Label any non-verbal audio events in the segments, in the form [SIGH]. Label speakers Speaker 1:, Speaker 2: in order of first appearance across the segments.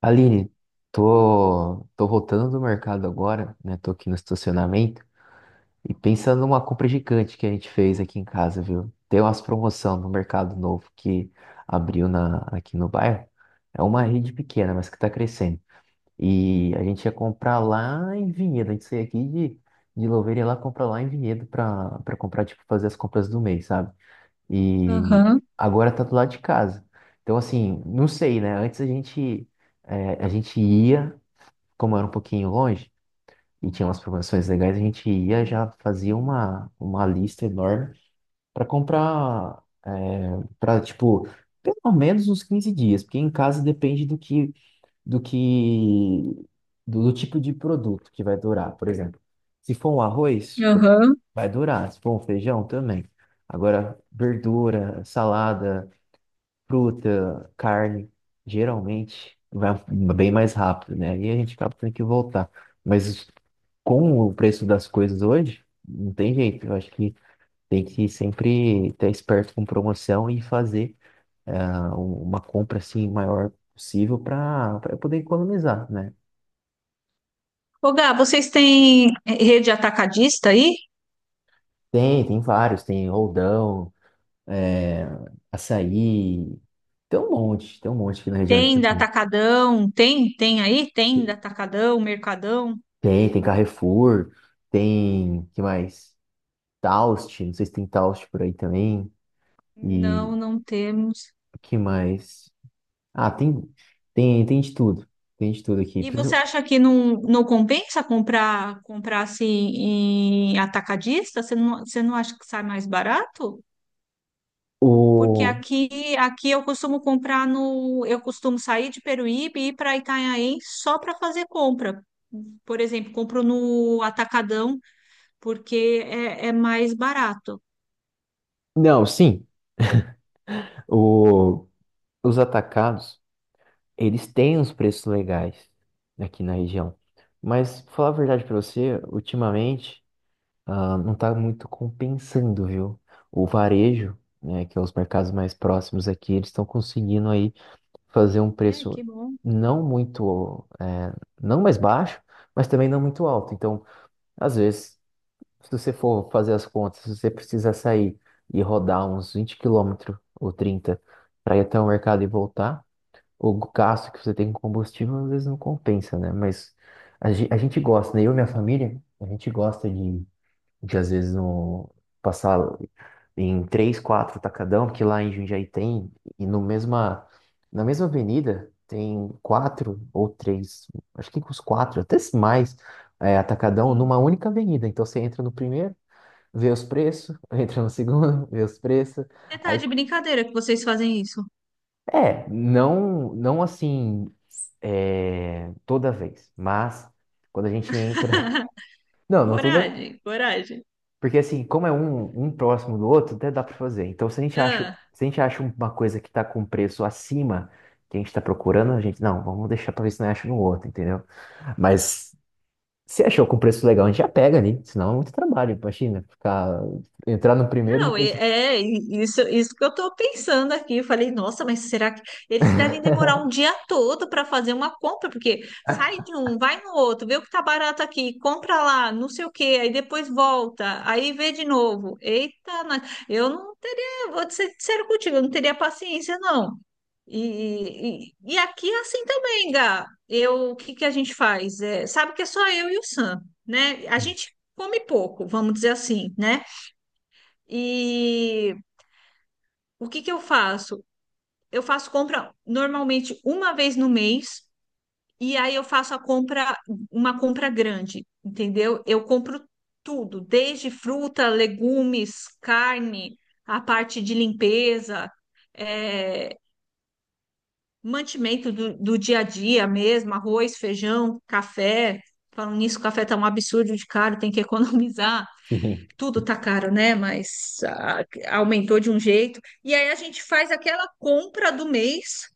Speaker 1: Aline, tô voltando do mercado agora, né? Tô aqui no estacionamento e pensando numa compra gigante que a gente fez aqui em casa, viu? Tem umas promoção no mercado novo que abriu aqui no bairro. É uma rede pequena, mas que tá crescendo. E a gente ia comprar lá em Vinhedo. A gente saiu aqui de Louveira e ia lá comprar lá em Vinhedo pra comprar, tipo, fazer as compras do mês, sabe? E
Speaker 2: Aham,
Speaker 1: agora tá do lado de casa. Então, assim, não sei, né? Antes a gente ia, como era um pouquinho longe e tinha umas promoções legais, a gente ia já fazia uma lista enorme para comprar, para, tipo, pelo menos uns 15 dias, porque em casa depende do que, do tipo de produto que vai durar. Por exemplo, se for um arroz,
Speaker 2: aham.
Speaker 1: vai durar. Se for um feijão, também. Agora, verdura, salada fruta, carne, geralmente vai bem mais rápido, né? E a gente acaba tendo que voltar. Mas com o preço das coisas hoje, não tem jeito. Eu acho que tem que sempre estar esperto com promoção e fazer uma compra assim maior possível para poder economizar, né?
Speaker 2: Ô, Gá, vocês têm rede atacadista aí?
Speaker 1: Tem vários, tem roldão, é, açaí, tem um monte aqui na região de
Speaker 2: Tem da
Speaker 1: Campinas.
Speaker 2: Atacadão? Tem? Tem aí? Tem da Atacadão, Mercadão?
Speaker 1: Tem Carrefour, tem, que mais? Taust, não sei se tem Taust por aí também. E
Speaker 2: Não, não temos.
Speaker 1: o que mais? Ah, tem de tudo. Tem de tudo aqui.
Speaker 2: E
Speaker 1: Por
Speaker 2: você
Speaker 1: exemplo,
Speaker 2: acha que não compensa comprar assim em atacadista? Você não acha que sai mais barato? Porque
Speaker 1: O...
Speaker 2: aqui eu costumo comprar no eu costumo sair de Peruíbe e ir para Itanhaém só para fazer compra. Por exemplo, compro no Atacadão porque é mais barato.
Speaker 1: não, sim. O... Os atacados, eles têm uns preços legais aqui na região. Mas, pra falar a verdade pra você, ultimamente, não tá muito compensando, viu? O varejo, né, que é os mercados mais próximos aqui, eles estão conseguindo aí fazer um
Speaker 2: É,
Speaker 1: preço
Speaker 2: que bom.
Speaker 1: não muito, é, não mais baixo, mas também não muito alto. Então, às vezes, se você for fazer as contas, se você precisa sair e rodar uns 20 quilômetros ou 30 para ir até o mercado e voltar, o gasto que você tem com combustível às vezes não compensa, né? Mas a gente gosta, né? Eu e minha família, a gente gosta de às vezes no, passar em três, quatro tacadão, porque lá em Jundiaí tem, e no mesma, na mesma avenida tem quatro ou três, acho que os quatro, até mais, atacadão
Speaker 2: Sim.
Speaker 1: numa única avenida. Então você entra no primeiro, vê os preços, [LAUGHS] entra no segundo, [LAUGHS] vê os preços.
Speaker 2: Você tá
Speaker 1: Aí,
Speaker 2: de brincadeira que vocês fazem isso.
Speaker 1: não, não assim é, toda vez, mas quando a gente entra. [LAUGHS] Não, não toda.
Speaker 2: Coragem, coragem.
Speaker 1: Porque assim, como é um próximo do outro, até dá para fazer. Então,
Speaker 2: Ah,
Speaker 1: se a gente acha uma coisa que está com preço acima que a gente está procurando, não, vamos deixar para ver se não acha no outro, entendeu? Mas se achou com preço legal, a gente já pega ali, senão é muito trabalho, imagina, ficar, entrar no primeiro e
Speaker 2: não, e-
Speaker 1: depois.
Speaker 2: é e- isso que eu tô pensando aqui. Eu falei, nossa, mas será que eles devem demorar um dia todo para fazer uma compra? Porque sai de um, vai no outro, vê o que tá barato aqui, compra lá, não sei o quê, aí depois volta, aí vê de novo. Eita, eu não teria, vou ser sincero contigo, eu não teria paciência, não. E aqui é assim também, Gá. Eu, o que que a gente faz? É, sabe que é só eu e o Sam, né? A gente
Speaker 1: [LAUGHS]
Speaker 2: come pouco, vamos dizer assim, né? E o que que eu faço? Eu faço compra normalmente uma vez no mês, e aí eu faço a compra, uma compra grande, entendeu? Eu compro tudo, desde fruta, legumes, carne, a parte de limpeza. É, mantimento do dia a dia mesmo, arroz, feijão, café. Falando nisso, o café tá um absurdo de caro, tem que [LAUGHS] economizar.
Speaker 1: Sim.
Speaker 2: Tudo tá caro, né? Mas aumentou de um jeito. E aí a gente faz aquela compra do mês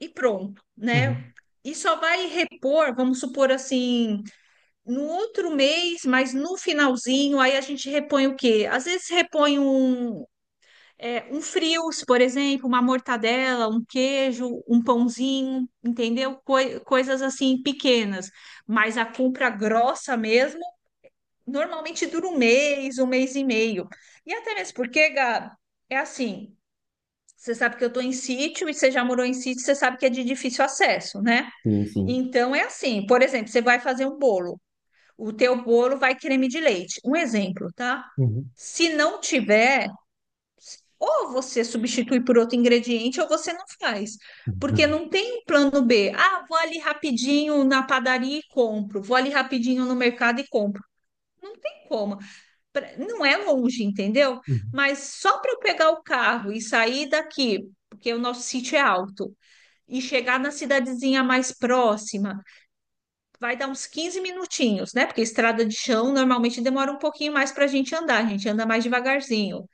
Speaker 2: e pronto, né?
Speaker 1: Uhum.
Speaker 2: E só vai repor, vamos supor assim, no outro mês, mas no finalzinho, aí a gente repõe o quê? Às vezes repõe um frios, por exemplo, uma mortadela, um queijo, um pãozinho, entendeu? Coisas assim pequenas. Mas a compra grossa mesmo, normalmente dura um mês e meio. E até mesmo porque, Gabi, é assim, você sabe que eu estou em sítio e você já morou em sítio, você sabe que é de difícil acesso, né?
Speaker 1: Sim, sim.
Speaker 2: Então é assim, por exemplo, você vai fazer um bolo, o teu bolo vai creme de leite. Um exemplo, tá?
Speaker 1: Uhum.
Speaker 2: Se não tiver ou você substitui por outro ingrediente, ou você não faz. Porque
Speaker 1: Uhum.
Speaker 2: não tem um plano B. Ah, vou ali rapidinho na padaria e compro. Vou ali rapidinho no mercado e compro. Não tem como. Não é longe, entendeu?
Speaker 1: Uhum.
Speaker 2: Mas só para eu pegar o carro e sair daqui, porque o nosso sítio é alto, e chegar na cidadezinha mais próxima, vai dar uns 15 minutinhos, né? Porque estrada de chão normalmente demora um pouquinho mais para a gente andar. A gente anda mais devagarzinho,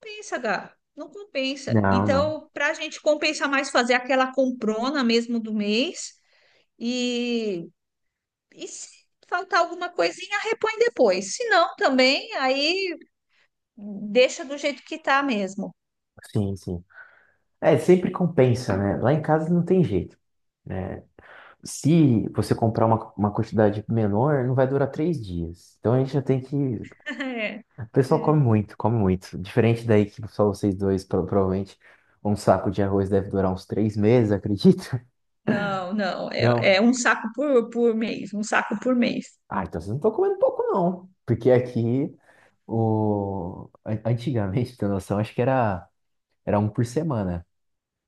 Speaker 2: compensa, Gá. Não compensa.
Speaker 1: Não, não.
Speaker 2: Então, para a gente compensar mais fazer aquela comprona mesmo do mês e, e se faltar alguma coisinha, repõe depois. Se não, também, aí deixa do jeito que tá mesmo.
Speaker 1: Sim, sim. É, sempre compensa, né? Lá em casa não tem jeito. Né? Se você comprar uma quantidade menor, não vai durar 3 dias. Então a gente já tem que.
Speaker 2: [LAUGHS] É,
Speaker 1: O pessoal come
Speaker 2: é.
Speaker 1: muito, come muito. Diferente daí que só vocês dois, provavelmente, um saco de arroz deve durar uns 3 meses, acredita?
Speaker 2: Não, não.
Speaker 1: [LAUGHS]
Speaker 2: É,
Speaker 1: Não.
Speaker 2: é um saco por mês, um saco por mês.
Speaker 1: Ah, então vocês não estão comendo pouco, não. Porque aqui, antigamente, pra ter noção, acho que era um por semana.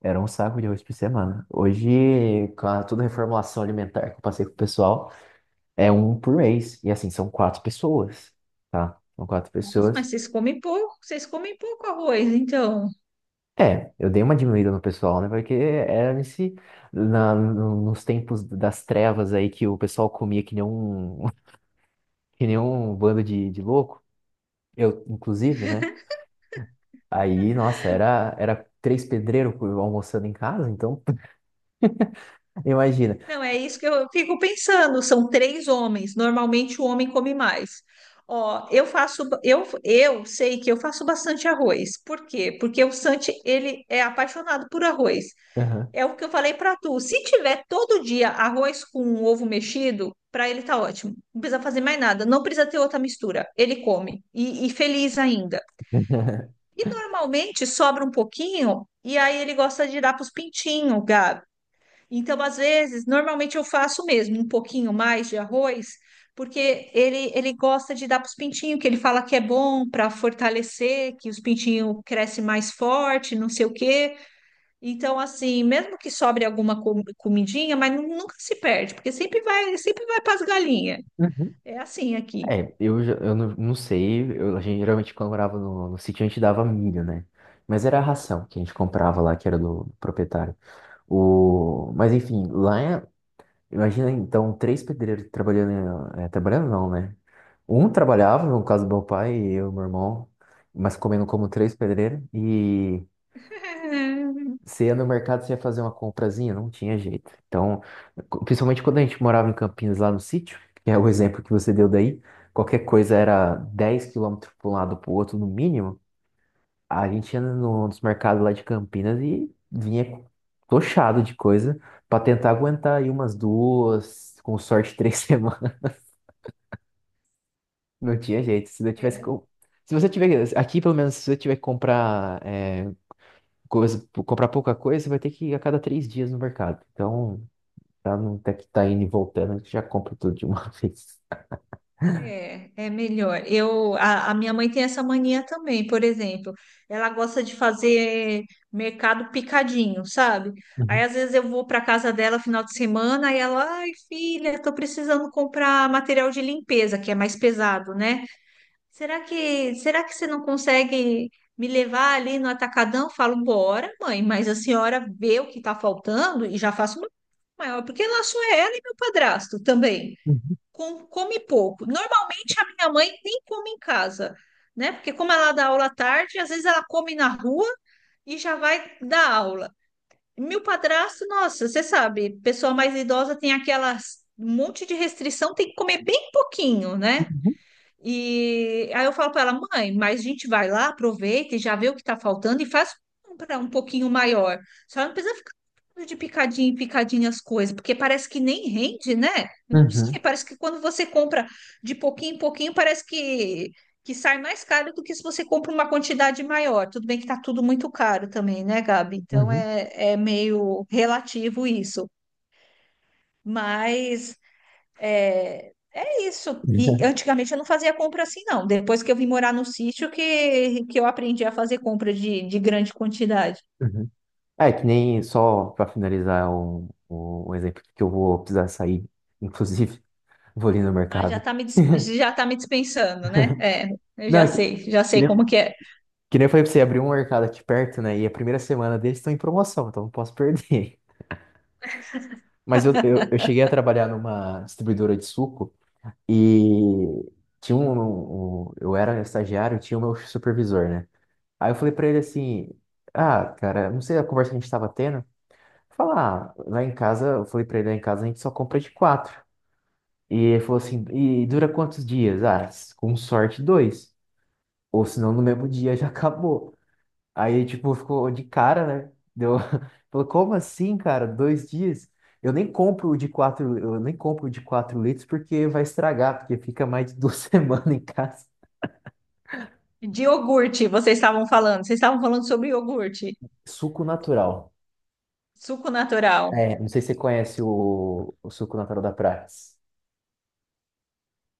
Speaker 1: Era um saco de arroz por semana. Hoje, toda a reformulação alimentar que eu passei com o pessoal. É um por mês. E assim, são quatro pessoas, tá? São quatro
Speaker 2: Nossa, mas
Speaker 1: pessoas.
Speaker 2: vocês comem pouco arroz, então.
Speaker 1: É, eu dei uma diminuída no pessoal, né? Porque era nesse, na, no- nos tempos das trevas aí que o pessoal comia que nem um, [LAUGHS] que nem um bando de louco. Eu, inclusive, né? Aí, nossa, era três pedreiros almoçando em casa, então [LAUGHS] imagina.
Speaker 2: Não, é isso que eu fico pensando. São três homens. Normalmente o homem come mais. Ó, eu faço, eu sei que eu faço bastante arroz. Por quê? Porque o Santi, ele é apaixonado por arroz.
Speaker 1: Aham.
Speaker 2: É o que eu falei para tu. Se tiver todo dia arroz com um ovo mexido, para ele tá ótimo. Não precisa fazer mais nada. Não precisa ter outra mistura. Ele come e feliz ainda. E normalmente sobra um pouquinho e aí ele gosta de dar para os pintinhos, então, às vezes, normalmente eu faço mesmo um pouquinho mais de arroz, porque ele gosta de dar para os pintinhos, que ele fala que é bom para fortalecer, que os pintinhos crescem mais forte, não sei o quê. Então, assim, mesmo que sobre alguma comidinha, mas nunca se perde, porque sempre vai para as galinhas.
Speaker 1: Uhum.
Speaker 2: É assim aqui.
Speaker 1: É, eu não sei, a gente geralmente quando morava no sítio a gente dava milho, né? Mas era a ração que a gente comprava lá, que era do proprietário. Mas enfim, lá é... Imagina então três pedreiros trabalhando, trabalhando não, né? Um trabalhava, no caso do meu pai e eu, e meu irmão, mas comendo como três pedreiros. E
Speaker 2: [LAUGHS]
Speaker 1: você ia no mercado, você ia fazer uma comprazinha, não tinha jeito. Então, principalmente quando a gente morava em Campinas, lá no sítio, que é o exemplo que você deu daí, qualquer coisa era 10 quilômetros para um lado para o outro, no mínimo. A gente ia nos mercados lá de Campinas e vinha tochado de coisa pra tentar aguentar aí umas duas, com sorte [LAUGHS] 3 semanas. Não tinha jeito. Se eu tivesse se você tiver aqui, pelo menos, se você tiver que comprar comprar pouca coisa, você vai ter que ir a cada 3 dias no mercado. Então, pra não ter que estar indo e voltando, a gente já compra tudo de uma [LAUGHS] vez.
Speaker 2: É, é melhor. Eu, a minha mãe tem essa mania também, por exemplo. Ela gosta de fazer mercado picadinho, sabe? Aí
Speaker 1: Uhum,
Speaker 2: às vezes eu vou para casa dela final de semana e ela, ai, filha, tô precisando comprar material de limpeza, que é mais pesado, né? Será que você não consegue me levar ali no atacadão? Eu falo, bora, mãe, mas a senhora vê o que tá faltando e já faço uma maior, porque lá só é ela e meu padrasto também
Speaker 1: uhum,
Speaker 2: come pouco. Normalmente a minha mãe nem come em casa, né? Porque como ela dá aula à tarde, às vezes ela come na rua e já vai dar aula. Meu padrasto, nossa, você sabe, pessoa mais idosa tem aquelas um monte de restrição, tem que comer bem pouquinho, né? E aí eu falo para ela, mãe, mas a gente vai lá, aproveita e já vê o que está faltando e faz comprar um pouquinho maior. Só não precisa ficar comprando de picadinho em picadinho as coisas, porque parece que nem rende, né? Eu não sei,
Speaker 1: uhum,
Speaker 2: parece que quando você compra de pouquinho em pouquinho, parece que sai mais caro do que se você compra uma quantidade maior. Tudo bem que está tudo muito caro também, né, Gabi? Então
Speaker 1: uhum,
Speaker 2: é meio relativo isso. Mas é isso. E
Speaker 1: uhum,
Speaker 2: antigamente eu não fazia compra assim, não. Depois que eu vim morar no sítio, que eu aprendi a fazer compra de grande quantidade.
Speaker 1: uhum. [LAUGHS] É, que nem só para finalizar um, um exemplo que eu vou precisar sair, inclusive, [LAUGHS] vou ali no
Speaker 2: Ah,
Speaker 1: mercado. [LAUGHS]
Speaker 2: já tá me dispensando, né? É, eu
Speaker 1: Não, é
Speaker 2: já
Speaker 1: que
Speaker 2: sei como
Speaker 1: nem,
Speaker 2: que é.
Speaker 1: que nem eu falei pra você, abrir um mercado aqui perto, né? E a primeira semana deles estão em promoção, então não posso perder. [LAUGHS] Mas eu cheguei a trabalhar numa distribuidora de suco e tinha um, um- um, Eu era estagiário, tinha o meu supervisor, né? Aí eu falei pra ele assim: Ah, cara, não sei a conversa que a gente tava tendo. Lá em casa, eu falei pra ele, lá em casa a gente só compra de quatro. E ele falou assim, e dura quantos dias? Ah, com sorte, dois. Ou senão no mesmo dia já acabou. Aí, tipo, ficou de cara, né? [LAUGHS] Falou, como assim, cara? 2 dias? Eu nem compro o de quatro, eu nem compro o de 4 litros porque vai estragar, porque fica mais de duas [LAUGHS] semanas em casa.
Speaker 2: De iogurte, vocês estavam falando. Vocês estavam falando sobre iogurte,
Speaker 1: Suco natural.
Speaker 2: suco natural.
Speaker 1: É, não sei se você conhece o suco natural da Prats.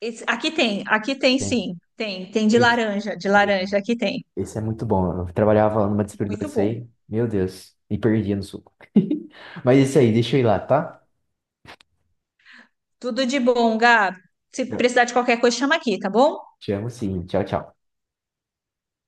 Speaker 2: Aqui tem, aqui tem
Speaker 1: Tem.
Speaker 2: sim. Tem, tem
Speaker 1: Esse?
Speaker 2: de laranja, aqui tem.
Speaker 1: Esse é muito bom. Eu trabalhava numa distribuidora
Speaker 2: Muito
Speaker 1: disso
Speaker 2: bom.
Speaker 1: aí. Meu Deus. Me perdia no suco. [LAUGHS] Mas é isso aí. Deixa eu ir lá, tá?
Speaker 2: Tudo de bom, Gabi. Se precisar de qualquer coisa, chama aqui, tá bom?
Speaker 1: Te amo sim. Tchau, tchau.